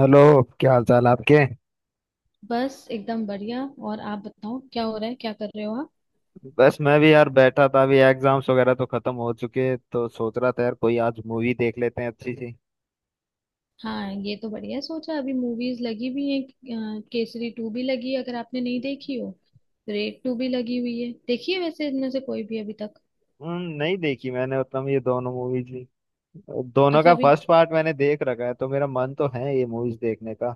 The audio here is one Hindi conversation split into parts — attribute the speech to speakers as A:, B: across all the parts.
A: हेलो। क्या हाल चाल आपके?
B: बस एकदम बढ़िया। और आप बताओ क्या हो रहा है, क्या कर रहे हो आप।
A: बस मैं भी यार बैठा था। अभी एग्जाम्स वगैरह तो खत्म हो चुके, तो सोच रहा था यार कोई आज मूवी देख लेते हैं अच्छी सी।
B: हाँ, ये तो बढ़िया सोचा। अभी मूवीज लगी हुई हैं। केसरी टू भी लगी है, अगर आपने नहीं देखी हो। रेड टू भी लगी हुई है। देखी है वैसे इनमें से कोई भी अभी तक।
A: नहीं देखी मैंने उतना ये दोनों मूवीज भी। दोनों
B: अच्छा
A: का
B: अभी।
A: फर्स्ट पार्ट मैंने देख रखा है, तो मेरा मन तो है ये मूवीज देखने का।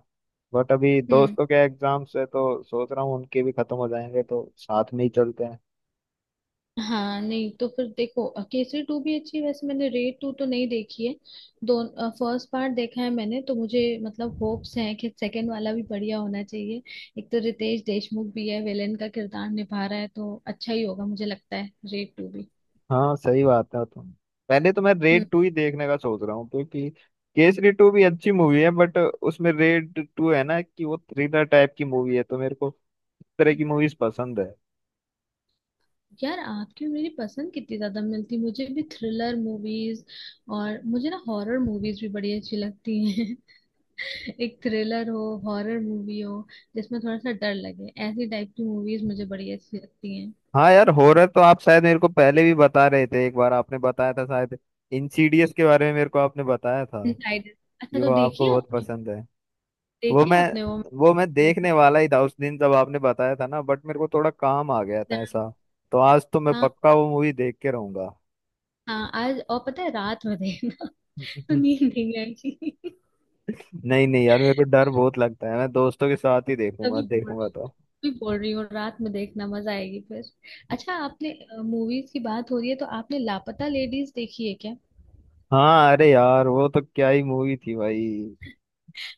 A: बट अभी
B: हम्म।
A: दोस्तों के एग्जाम्स है, तो सोच रहा हूँ उनके भी खत्म हो जाएंगे तो साथ में ही चलते हैं।
B: हाँ, नहीं तो फिर देखो। केसरी टू भी अच्छी है वैसे। मैंने रेड टू तो नहीं देखी है। दो फर्स्ट पार्ट देखा है मैंने, तो मुझे मतलब होप्स हैं कि सेकंड वाला भी बढ़िया होना चाहिए। एक तो रितेश देशमुख भी है, विलेन का किरदार निभा रहा है, तो अच्छा ही होगा मुझे लगता है रेड टू भी।
A: हाँ सही बात है तुम। पहले तो मैं
B: हम्म।
A: रेड टू ही देखने का सोच रहा हूँ, क्योंकि केसरी टू भी अच्छी मूवी है बट उसमें रेड टू है ना कि वो थ्रिलर टाइप की मूवी है, तो मेरे को इस तरह की मूवीज पसंद है।
B: यार, आपकी और मेरी पसंद कितनी ज्यादा मिलती है। मुझे भी थ्रिलर मूवीज, और मुझे ना हॉरर मूवीज भी बड़ी अच्छी लगती हैं। एक थ्रिलर हो, हॉरर मूवी हो, जिसमें थोड़ा सा डर लगे, ऐसी टाइप की मूवीज मुझे बड़ी अच्छी लगती हैं।
A: हाँ यार हॉरर तो आप शायद मेरे को पहले भी बता रहे थे, एक बार आपने बताया था शायद इंसीडियस के बारे में, मेरे को आपने बताया था
B: डिसाइडेड। अच्छा,
A: कि
B: तो
A: वो आपको
B: देखिए
A: बहुत
B: आपने।
A: पसंद है। वो
B: देखिए
A: मैं
B: आपने वो
A: वो मैं देखने वाला ही था उस दिन जब आपने बताया था ना, बट मेरे को थोड़ा काम आ गया था
B: एग्जाम।
A: ऐसा। तो आज तो मैं
B: हाँ।
A: पक्का वो मूवी देख के रहूंगा।
B: हाँ, आज, और पता है, रात में देखना। तो नींद नहीं आएगी।
A: नहीं नहीं यार मेरे को डर बहुत लगता है, मैं दोस्तों के साथ ही देखूंगा
B: तभी बोल
A: देखूंगा
B: रही
A: तो।
B: तभी बोल रही हूँ, रात में देखना, मजा आएगी फिर। अच्छा, आपने मूवीज की बात हो रही है तो आपने लापता लेडीज देखी है क्या।
A: हाँ अरे यार वो तो क्या ही मूवी थी भाई।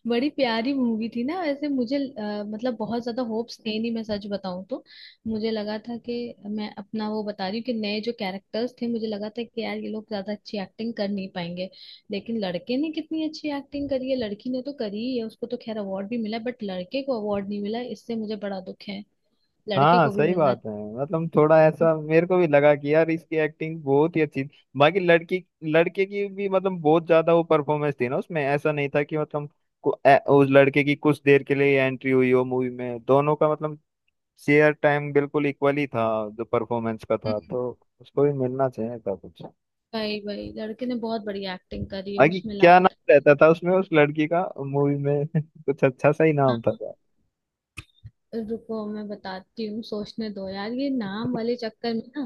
B: बड़ी प्यारी मूवी थी ना वैसे। मुझे मतलब बहुत ज्यादा होप्स थे नहीं, मैं सच बताऊं तो। मुझे लगा था कि, मैं अपना वो बता रही हूँ, कि नए जो कैरेक्टर्स थे, मुझे लगा था कि यार ये लोग ज्यादा अच्छी एक्टिंग कर नहीं पाएंगे। लेकिन लड़के ने कितनी अच्छी एक्टिंग करी है। लड़की ने तो करी ही है, उसको तो खैर अवार्ड भी मिला, बट लड़के को अवार्ड नहीं मिला, इससे मुझे बड़ा दुख है। लड़के
A: हाँ
B: को भी
A: सही
B: मिलना
A: बात है।
B: चाहिए।
A: मतलब थोड़ा ऐसा मेरे को भी लगा कि यार इसकी एक्टिंग बहुत ही अच्छी थी, बाकी लड़की लड़के की भी मतलब बहुत ज्यादा वो परफॉर्मेंस थी ना उसमें, ऐसा नहीं था कि मतलब उस लड़के की कुछ देर के लिए एंट्री हुई हो मूवी में, दोनों का मतलब शेयर टाइम बिल्कुल इक्वली था जो परफॉर्मेंस का था,
B: हम्म।
A: तो उसको भी मिलना चाहिए था कुछ।
B: भाई भाई, लड़के ने बहुत बड़ी एक्टिंग करी है
A: बाकी
B: उसमें,
A: क्या
B: लापता।
A: नाम रहता था उसमें उस लड़की का मूवी में कुछ अच्छा सा ही नाम था क्या?
B: रुको, मैं बताती हूँ, सोचने दो। यार, ये नाम वाले चक्कर में ना,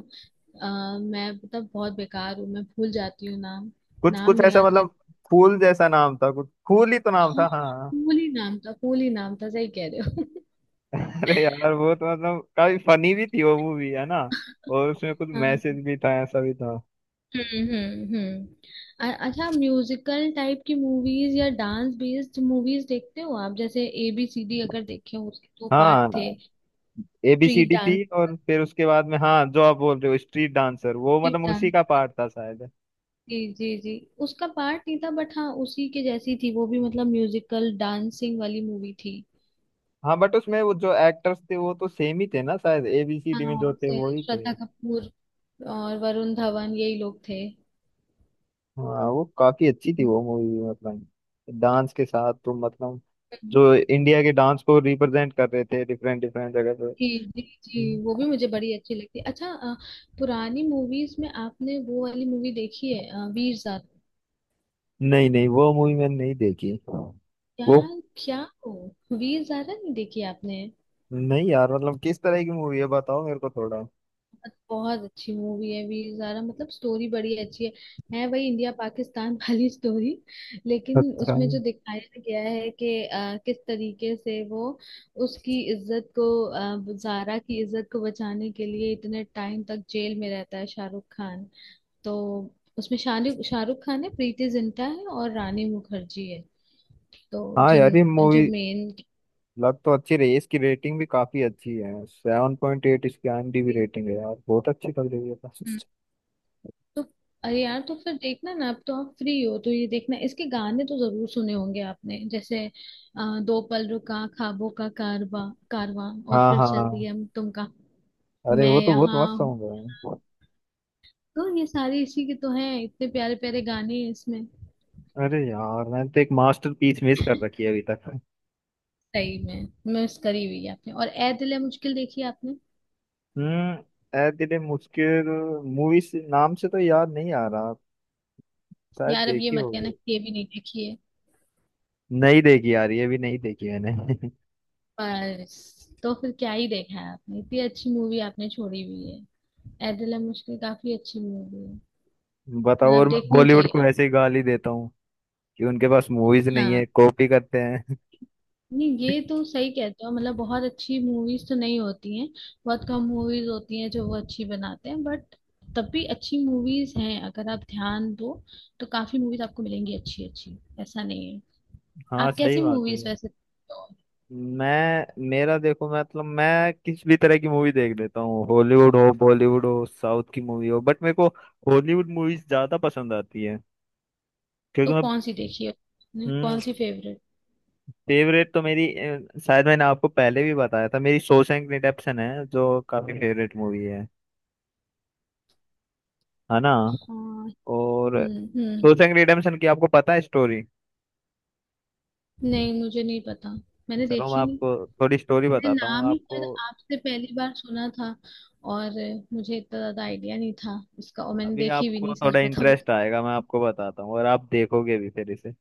B: मैं मतलब बहुत बेकार हूँ, मैं भूल जाती हूँ नाम।
A: कुछ
B: नाम
A: कुछ
B: नहीं
A: ऐसा,
B: याद
A: मतलब
B: रहता।
A: फूल जैसा नाम था कुछ, फूल ही तो नाम
B: हाँ
A: था
B: हाँ,
A: हाँ।
B: फूल ही नाम था, फूल ही नाम था, सही कह रहे हो।
A: अरे यार वो तो मतलब काफी फनी भी थी वो मूवी है ना, और उसमें कुछ
B: हाँ।
A: मैसेज भी था, ऐसा भी था।
B: हम्म। अच्छा, म्यूजिकल टाइप की मूवीज या डांस बेस्ड मूवीज देखते हो आप, जैसे ए बी सी डी, अगर देखे हो, उसके दो पार्ट
A: हाँ
B: थे। स्ट्रीट
A: एबीसीडी
B: डांस
A: थी, और फिर उसके बाद में हाँ जो आप बोल रहे हो स्ट्रीट डांसर, वो
B: स्ट्रीट
A: मतलब उसी का
B: डांस।
A: पार्ट था शायद।
B: जी जी जी। उसका पार्ट नहीं था बट, हाँ, उसी के जैसी थी वो भी, मतलब म्यूजिकल डांसिंग वाली मूवी थी।
A: हाँ बट उसमें वो जो एक्टर्स थे वो तो सेम ही थे ना शायद, एबीसीडी में
B: हाँ,
A: जो
B: और
A: थे
B: से
A: वो ही थे।
B: श्रद्धा कपूर और वरुण धवन, यही लोग थे।
A: हाँ वो काफी अच्छी थी
B: हम्म।
A: वो मूवी, मतलब डांस के साथ, तो मतलब
B: हम्म।
A: जो इंडिया के डांस को रिप्रेजेंट कर रहे थे डिफरेंट डिफरेंट जगह पे।
B: जी जी जी, वो
A: हम्म।
B: भी मुझे बड़ी अच्छी लगती। अच्छा, पुरानी मूवीज में आपने वो वाली मूवी देखी है, वीर ज़ारा।
A: नहीं नहीं वो मूवी मैंने नहीं देखी
B: क्या।
A: वो।
B: क्या हो। वीर ज़ारा नहीं देखी आपने।
A: नहीं यार मतलब किस तरह की मूवी है बताओ मेरे को थोड़ा।
B: बहुत अच्छी मूवी है वीर ज़ारा। मतलब स्टोरी बड़ी अच्छी है वही इंडिया पाकिस्तान वाली स्टोरी। लेकिन
A: अच्छा
B: उसमें जो दिखाया गया है कि किस तरीके से वो उसकी इज्जत को, ज़ारा की इज्जत को बचाने के लिए इतने टाइम तक जेल में रहता है शाहरुख खान। तो उसमें शाहरुख शाहरुख खान है, प्रीति जिंटा है, और रानी मुखर्जी है। तो
A: हाँ यार
B: जिन,
A: ये
B: जो
A: मूवी
B: मेन।
A: लग तो अच्छी रही है, इसकी रेटिंग भी काफी अच्छी है, 7.8 इसकी आईएमडीबी रेटिंग है यार, बहुत अच्छी लग रही है।
B: तो अरे यार, तो फिर देखना ना, अब तो आप फ्री हो, तो ये देखना। इसके गाने तो जरूर सुने होंगे आपने, जैसे दो पल रुका ख्वाबों का कारवा, कारवां और
A: हाँ
B: फिर चल
A: हाँ
B: दिया, हम तुम का।
A: अरे
B: मैं
A: वो तो बहुत
B: यहाँ
A: मस्त
B: हूँ।
A: सॉन्ग है।
B: तो ये सारे इसी के तो हैं, इतने प्यारे प्यारे गाने हैं इसमें।
A: अरे यार मैंने तो एक मास्टरपीस मिस कर रखी है अभी तक।
B: सही में मिस करी हुई है आपने। और ए दिल है मुश्किल देखी है आपने।
A: ए दिल मुश्किल मूवी से, नाम से तो याद नहीं आ रहा, शायद
B: यार, अब ये
A: देखी
B: मत
A: होगी।
B: कहना कि ये भी नहीं देखी है।
A: नहीं देखी यार, ये भी नहीं देखी मैंने।
B: बस, तो फिर क्या ही देखा है आपने, इतनी अच्छी मूवी आपने छोड़ी हुई है। ए दिल है मुश्किल काफी अच्छी मूवी है,
A: बताओ, और
B: मतलब
A: मैं
B: देखनी
A: बॉलीवुड को
B: चाहिए।
A: ऐसे ही गाली देता हूँ कि उनके पास मूवीज नहीं है,
B: हाँ,
A: कॉपी करते हैं।
B: नहीं, ये तो सही कहते हो, मतलब बहुत अच्छी मूवीज तो नहीं होती हैं। बहुत कम मूवीज होती हैं जो वो अच्छी बनाते हैं, बट तब भी अच्छी मूवीज हैं, अगर आप ध्यान दो, तो काफी मूवीज आपको मिलेंगी अच्छी अच्छी, ऐसा नहीं है।
A: हाँ
B: आप
A: सही
B: कैसी
A: बात है।
B: मूवीज वैसे।
A: मैं मेरा देखो, मतलब मैं किसी भी तरह की मूवी देख लेता हूँ, हॉलीवुड हो बॉलीवुड हो साउथ की मूवी हो, बट मेरे को हॉलीवुड मूवीज ज्यादा पसंद आती है, क्योंकि
B: तो
A: मैं।
B: कौन सी देखी है आपने? कौन
A: हम्म
B: सी फेवरेट?
A: फेवरेट तो मेरी शायद मैंने आपको पहले भी बताया था, मेरी शॉशैंक रिडेम्पशन है जो काफी फेवरेट मूवी है ना।
B: हाँ।
A: और
B: हम्म।
A: शॉशैंक रिडेम्पशन की आपको पता है स्टोरी।
B: नहीं, मुझे नहीं पता, मैंने
A: चलो मैं
B: देखी नहीं।
A: आपको थोड़ी स्टोरी
B: मेरे
A: बताता हूँ
B: नाम ही
A: आपको।
B: शायद आपसे पहली बार सुना था, और मुझे इतना ज्यादा आइडिया नहीं था इसका, और मैंने
A: अभी
B: देखी भी
A: आपको
B: नहीं सच
A: थोड़ा
B: बताऊं
A: इंटरेस्ट
B: तो।
A: आएगा, मैं आपको बताता हूँ, और आप देखोगे भी फिर इसे।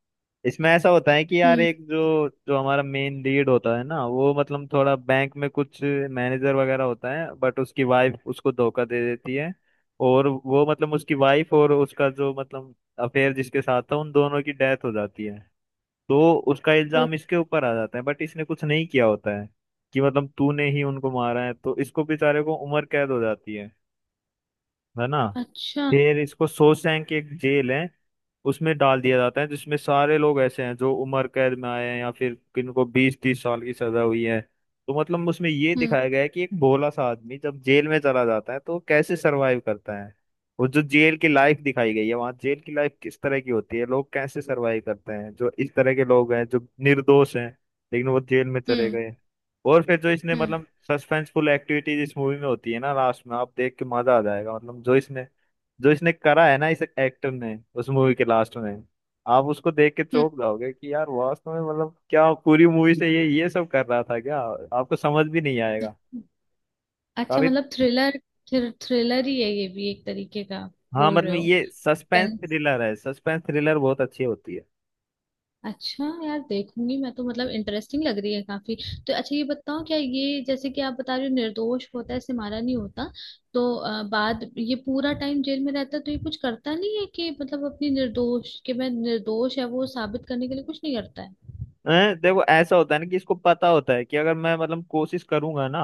A: इसमें ऐसा होता है कि यार
B: हम्म।
A: एक, जो जो हमारा मेन लीड होता है ना, वो मतलब थोड़ा बैंक में कुछ मैनेजर वगैरह होता है, बट उसकी वाइफ उसको धोखा दे देती है। और वो मतलब उसकी वाइफ और उसका जो मतलब अफेयर जिसके साथ था, उन दोनों की डेथ हो जाती है। तो उसका
B: वो।
A: इल्जाम इसके ऊपर आ जाता है, बट इसने कुछ नहीं किया होता है, कि मतलब तूने ही उनको मारा है, तो इसको बेचारे को उम्र कैद हो जाती है ना।
B: अच्छा।
A: फिर इसको शोशैंक एक जेल है उसमें डाल दिया जाता है, जिसमें सारे लोग ऐसे हैं जो उम्र कैद में आए हैं, या फिर किनको 20-30 साल की सजा हुई है। तो मतलब उसमें ये
B: हम्म
A: दिखाया गया है कि एक भोला सा आदमी जब जेल में चला जाता है तो वो कैसे सरवाइव करता है। और जो जेल की लाइफ दिखाई गई है वहाँ, जेल की लाइफ किस तरह की होती है, लोग कैसे सरवाइव करते हैं जो इस तरह के लोग हैं जो निर्दोष हैं लेकिन वो जेल में चले
B: हम्म
A: गए। और फिर जो इसने
B: हम्म।
A: मतलब सस्पेंसफुल एक्टिविटीज इस मूवी में होती है ना लास्ट में, आप देख के मजा आ जाएगा, मतलब जो इसने करा है ना इस एक्टर ने उस मूवी के लास्ट में, आप उसको देख के
B: हम्म।
A: चौंक जाओगे कि यार वास्तव में मतलब क्या पूरी मूवी से ये सब कर रहा था क्या। आपको समझ भी नहीं आएगा।
B: हम्म। अच्छा
A: काफी,
B: मतलब थ्रिलर। थ्रिलर ही है ये भी एक तरीके का।
A: हाँ
B: बोल रहे
A: मतलब
B: हो।
A: ये सस्पेंस
B: टेंस।
A: थ्रिलर है, सस्पेंस थ्रिलर बहुत अच्छी होती है।
B: अच्छा यार, देखूंगी मैं तो, मतलब इंटरेस्टिंग लग रही है काफी। तो अच्छा ये बताओ, क्या ये, जैसे कि आप बता रहे हो, निर्दोष होता है, इसे मारा नहीं होता, तो बाद ये पूरा टाइम जेल में रहता है, तो ये कुछ करता नहीं है कि मतलब अपनी निर्दोष कि मैं निर्दोष है वो साबित करने के लिए कुछ नहीं करता है।
A: हैं? देखो ऐसा होता है ना कि इसको पता होता है कि अगर मैं मतलब कोशिश करूंगा ना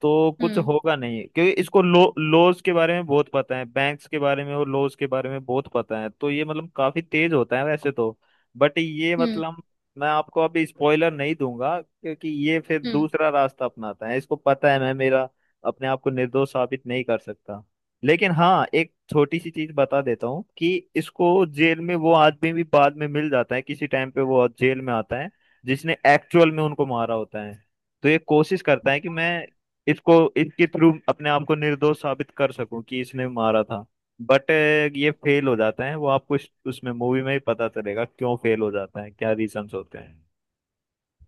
A: तो कुछ
B: हम्म।
A: होगा नहीं, क्योंकि इसको लो लॉज के बारे में बहुत पता है, बैंक्स के बारे में और लॉज के बारे में बहुत पता है, तो ये मतलब काफी तेज होता है वैसे तो। बट ये
B: हम्म।
A: मतलब मैं आपको अभी स्पॉइलर नहीं दूंगा, क्योंकि ये फिर
B: हम्म।
A: दूसरा रास्ता अपनाता है, इसको पता है मैं मेरा अपने आप को निर्दोष साबित नहीं कर सकता। लेकिन हाँ एक छोटी सी चीज बता देता हूँ कि इसको जेल में वो आदमी भी बाद में मिल जाता है, किसी टाइम पे वो जेल में आता है जिसने एक्चुअल में उनको मारा होता है। तो ये कोशिश करता है कि मैं इसको इसके थ्रू अपने आप को निर्दोष साबित कर सकूं कि इसने मारा था, बट ये फेल हो जाता है, वो आपको उसमें मूवी में ही पता चलेगा क्यों फेल हो जाता है क्या रीजंस होते हैं।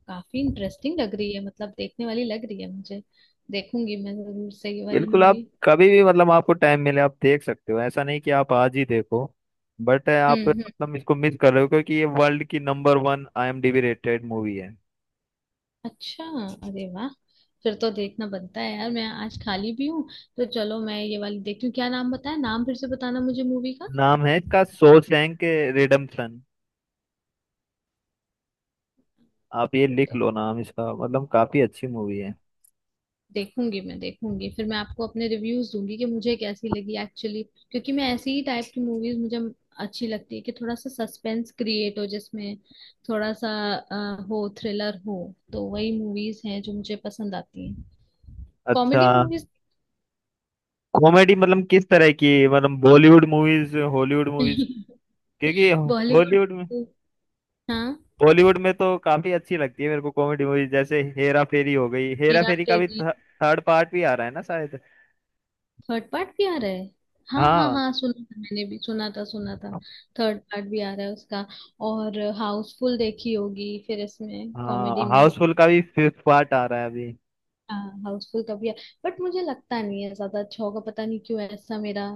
B: काफी इंटरेस्टिंग लग रही है, मतलब देखने वाली लग रही है मुझे। देखूंगी मैं जरूर से ये वाली
A: बिल्कुल, आप
B: मूवी।
A: कभी भी मतलब आपको टाइम मिले आप देख सकते हो, ऐसा नहीं कि आप आज ही देखो, बट आप
B: हम्म।
A: मतलब इसको मिस कर रहे हो क्योंकि ये वर्ल्ड की number one IMDb rated movie है।
B: अच्छा। अरे वाह, फिर तो देखना बनता है। यार, मैं आज खाली भी हूँ, तो चलो मैं ये वाली देखती हूँ। क्या नाम बताया, नाम फिर से बताना मुझे, मूवी का।
A: नाम है इसका शॉशैंक रिडेम्पशन, आप ये लिख लो नाम इसका, मतलब काफी अच्छी मूवी है।
B: देखूंगी मैं, देखूंगी, फिर मैं आपको अपने रिव्यूज दूंगी कि मुझे कैसी लगी एक्चुअली। क्योंकि मैं ऐसी ही टाइप की मूवीज मुझे अच्छी लगती है, कि थोड़ा सा सस्पेंस क्रिएट हो जिसमें, थोड़ा सा हो, थ्रिलर हो, तो वही मूवीज हैं जो मुझे पसंद आती हैं।
A: अच्छा
B: कॉमेडी मूवीज।
A: कॉमेडी मतलब किस तरह की, मतलब बॉलीवुड मूवीज हॉलीवुड मूवीज? क्योंकि
B: बॉलीवुड।
A: हॉलीवुड में,
B: हाँ।
A: बॉलीवुड में तो काफी अच्छी लगती है मेरे को कॉमेडी मूवीज, जैसे हेरा फेरी हो गई, हेरा
B: मेरा
A: फेरी का भी
B: तेरी
A: थर्ड पार्ट भी आ रहा है ना शायद।
B: थर्ड पार्ट भी आ रहा है। हाँ हाँ
A: हाँ
B: हाँ, सुना था, मैंने भी सुना था, सुना था। थर्ड पार्ट भी आ रहा है उसका। और हाउसफुल देखी होगी फिर इसमें कॉमेडी
A: हाँ
B: में।
A: हाउसफुल का भी फिफ्थ पार्ट आ रहा है अभी।
B: हाँ, हाउसफुल का भी है, बट मुझे लगता नहीं है ज्यादा अच्छा होगा, पता नहीं क्यों ऐसा मेरा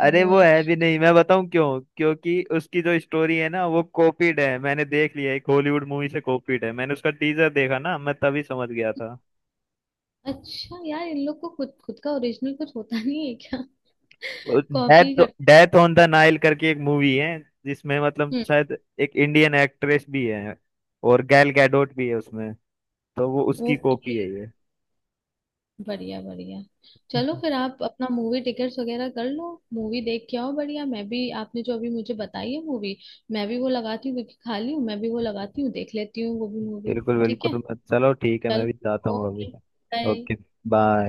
A: अरे
B: वो
A: वो
B: है।
A: है भी नहीं, मैं बताऊं क्यों, क्योंकि उसकी जो स्टोरी है ना वो कॉपीड है, मैंने देख लिया, एक हॉलीवुड मूवी से कॉपीड है, मैंने उसका टीजर देखा ना, मैं तभी समझ गया था।
B: अच्छा यार, इन लोग को खुद खुद का ओरिजिनल कुछ होता नहीं है क्या। कॉपी
A: डेथ
B: करते
A: डेथ ऑन द नाइल करके एक मूवी है, जिसमें मतलब
B: हैं।
A: शायद एक इंडियन एक्ट्रेस भी है, और गैल गैडोट भी है उसमें, तो वो उसकी कॉपी
B: ओके।
A: है ये।
B: बढ़िया बढ़िया। चलो, फिर आप अपना मूवी टिकट्स वगैरह कर लो, मूवी देख के आओ, बढ़िया। मैं भी आपने जो अभी मुझे बताई है मूवी, मैं भी वो लगाती हूँ, क्योंकि खाली हूँ, मैं भी वो लगाती हूँ, देख लेती हूँ वो भी मूवी।
A: बिल्कुल
B: ठीक है।
A: बिल्कुल, चलो ठीक है मैं भी जाता
B: चलो।
A: हूँ अभी।
B: ओके। बाय।
A: ओके। बाय।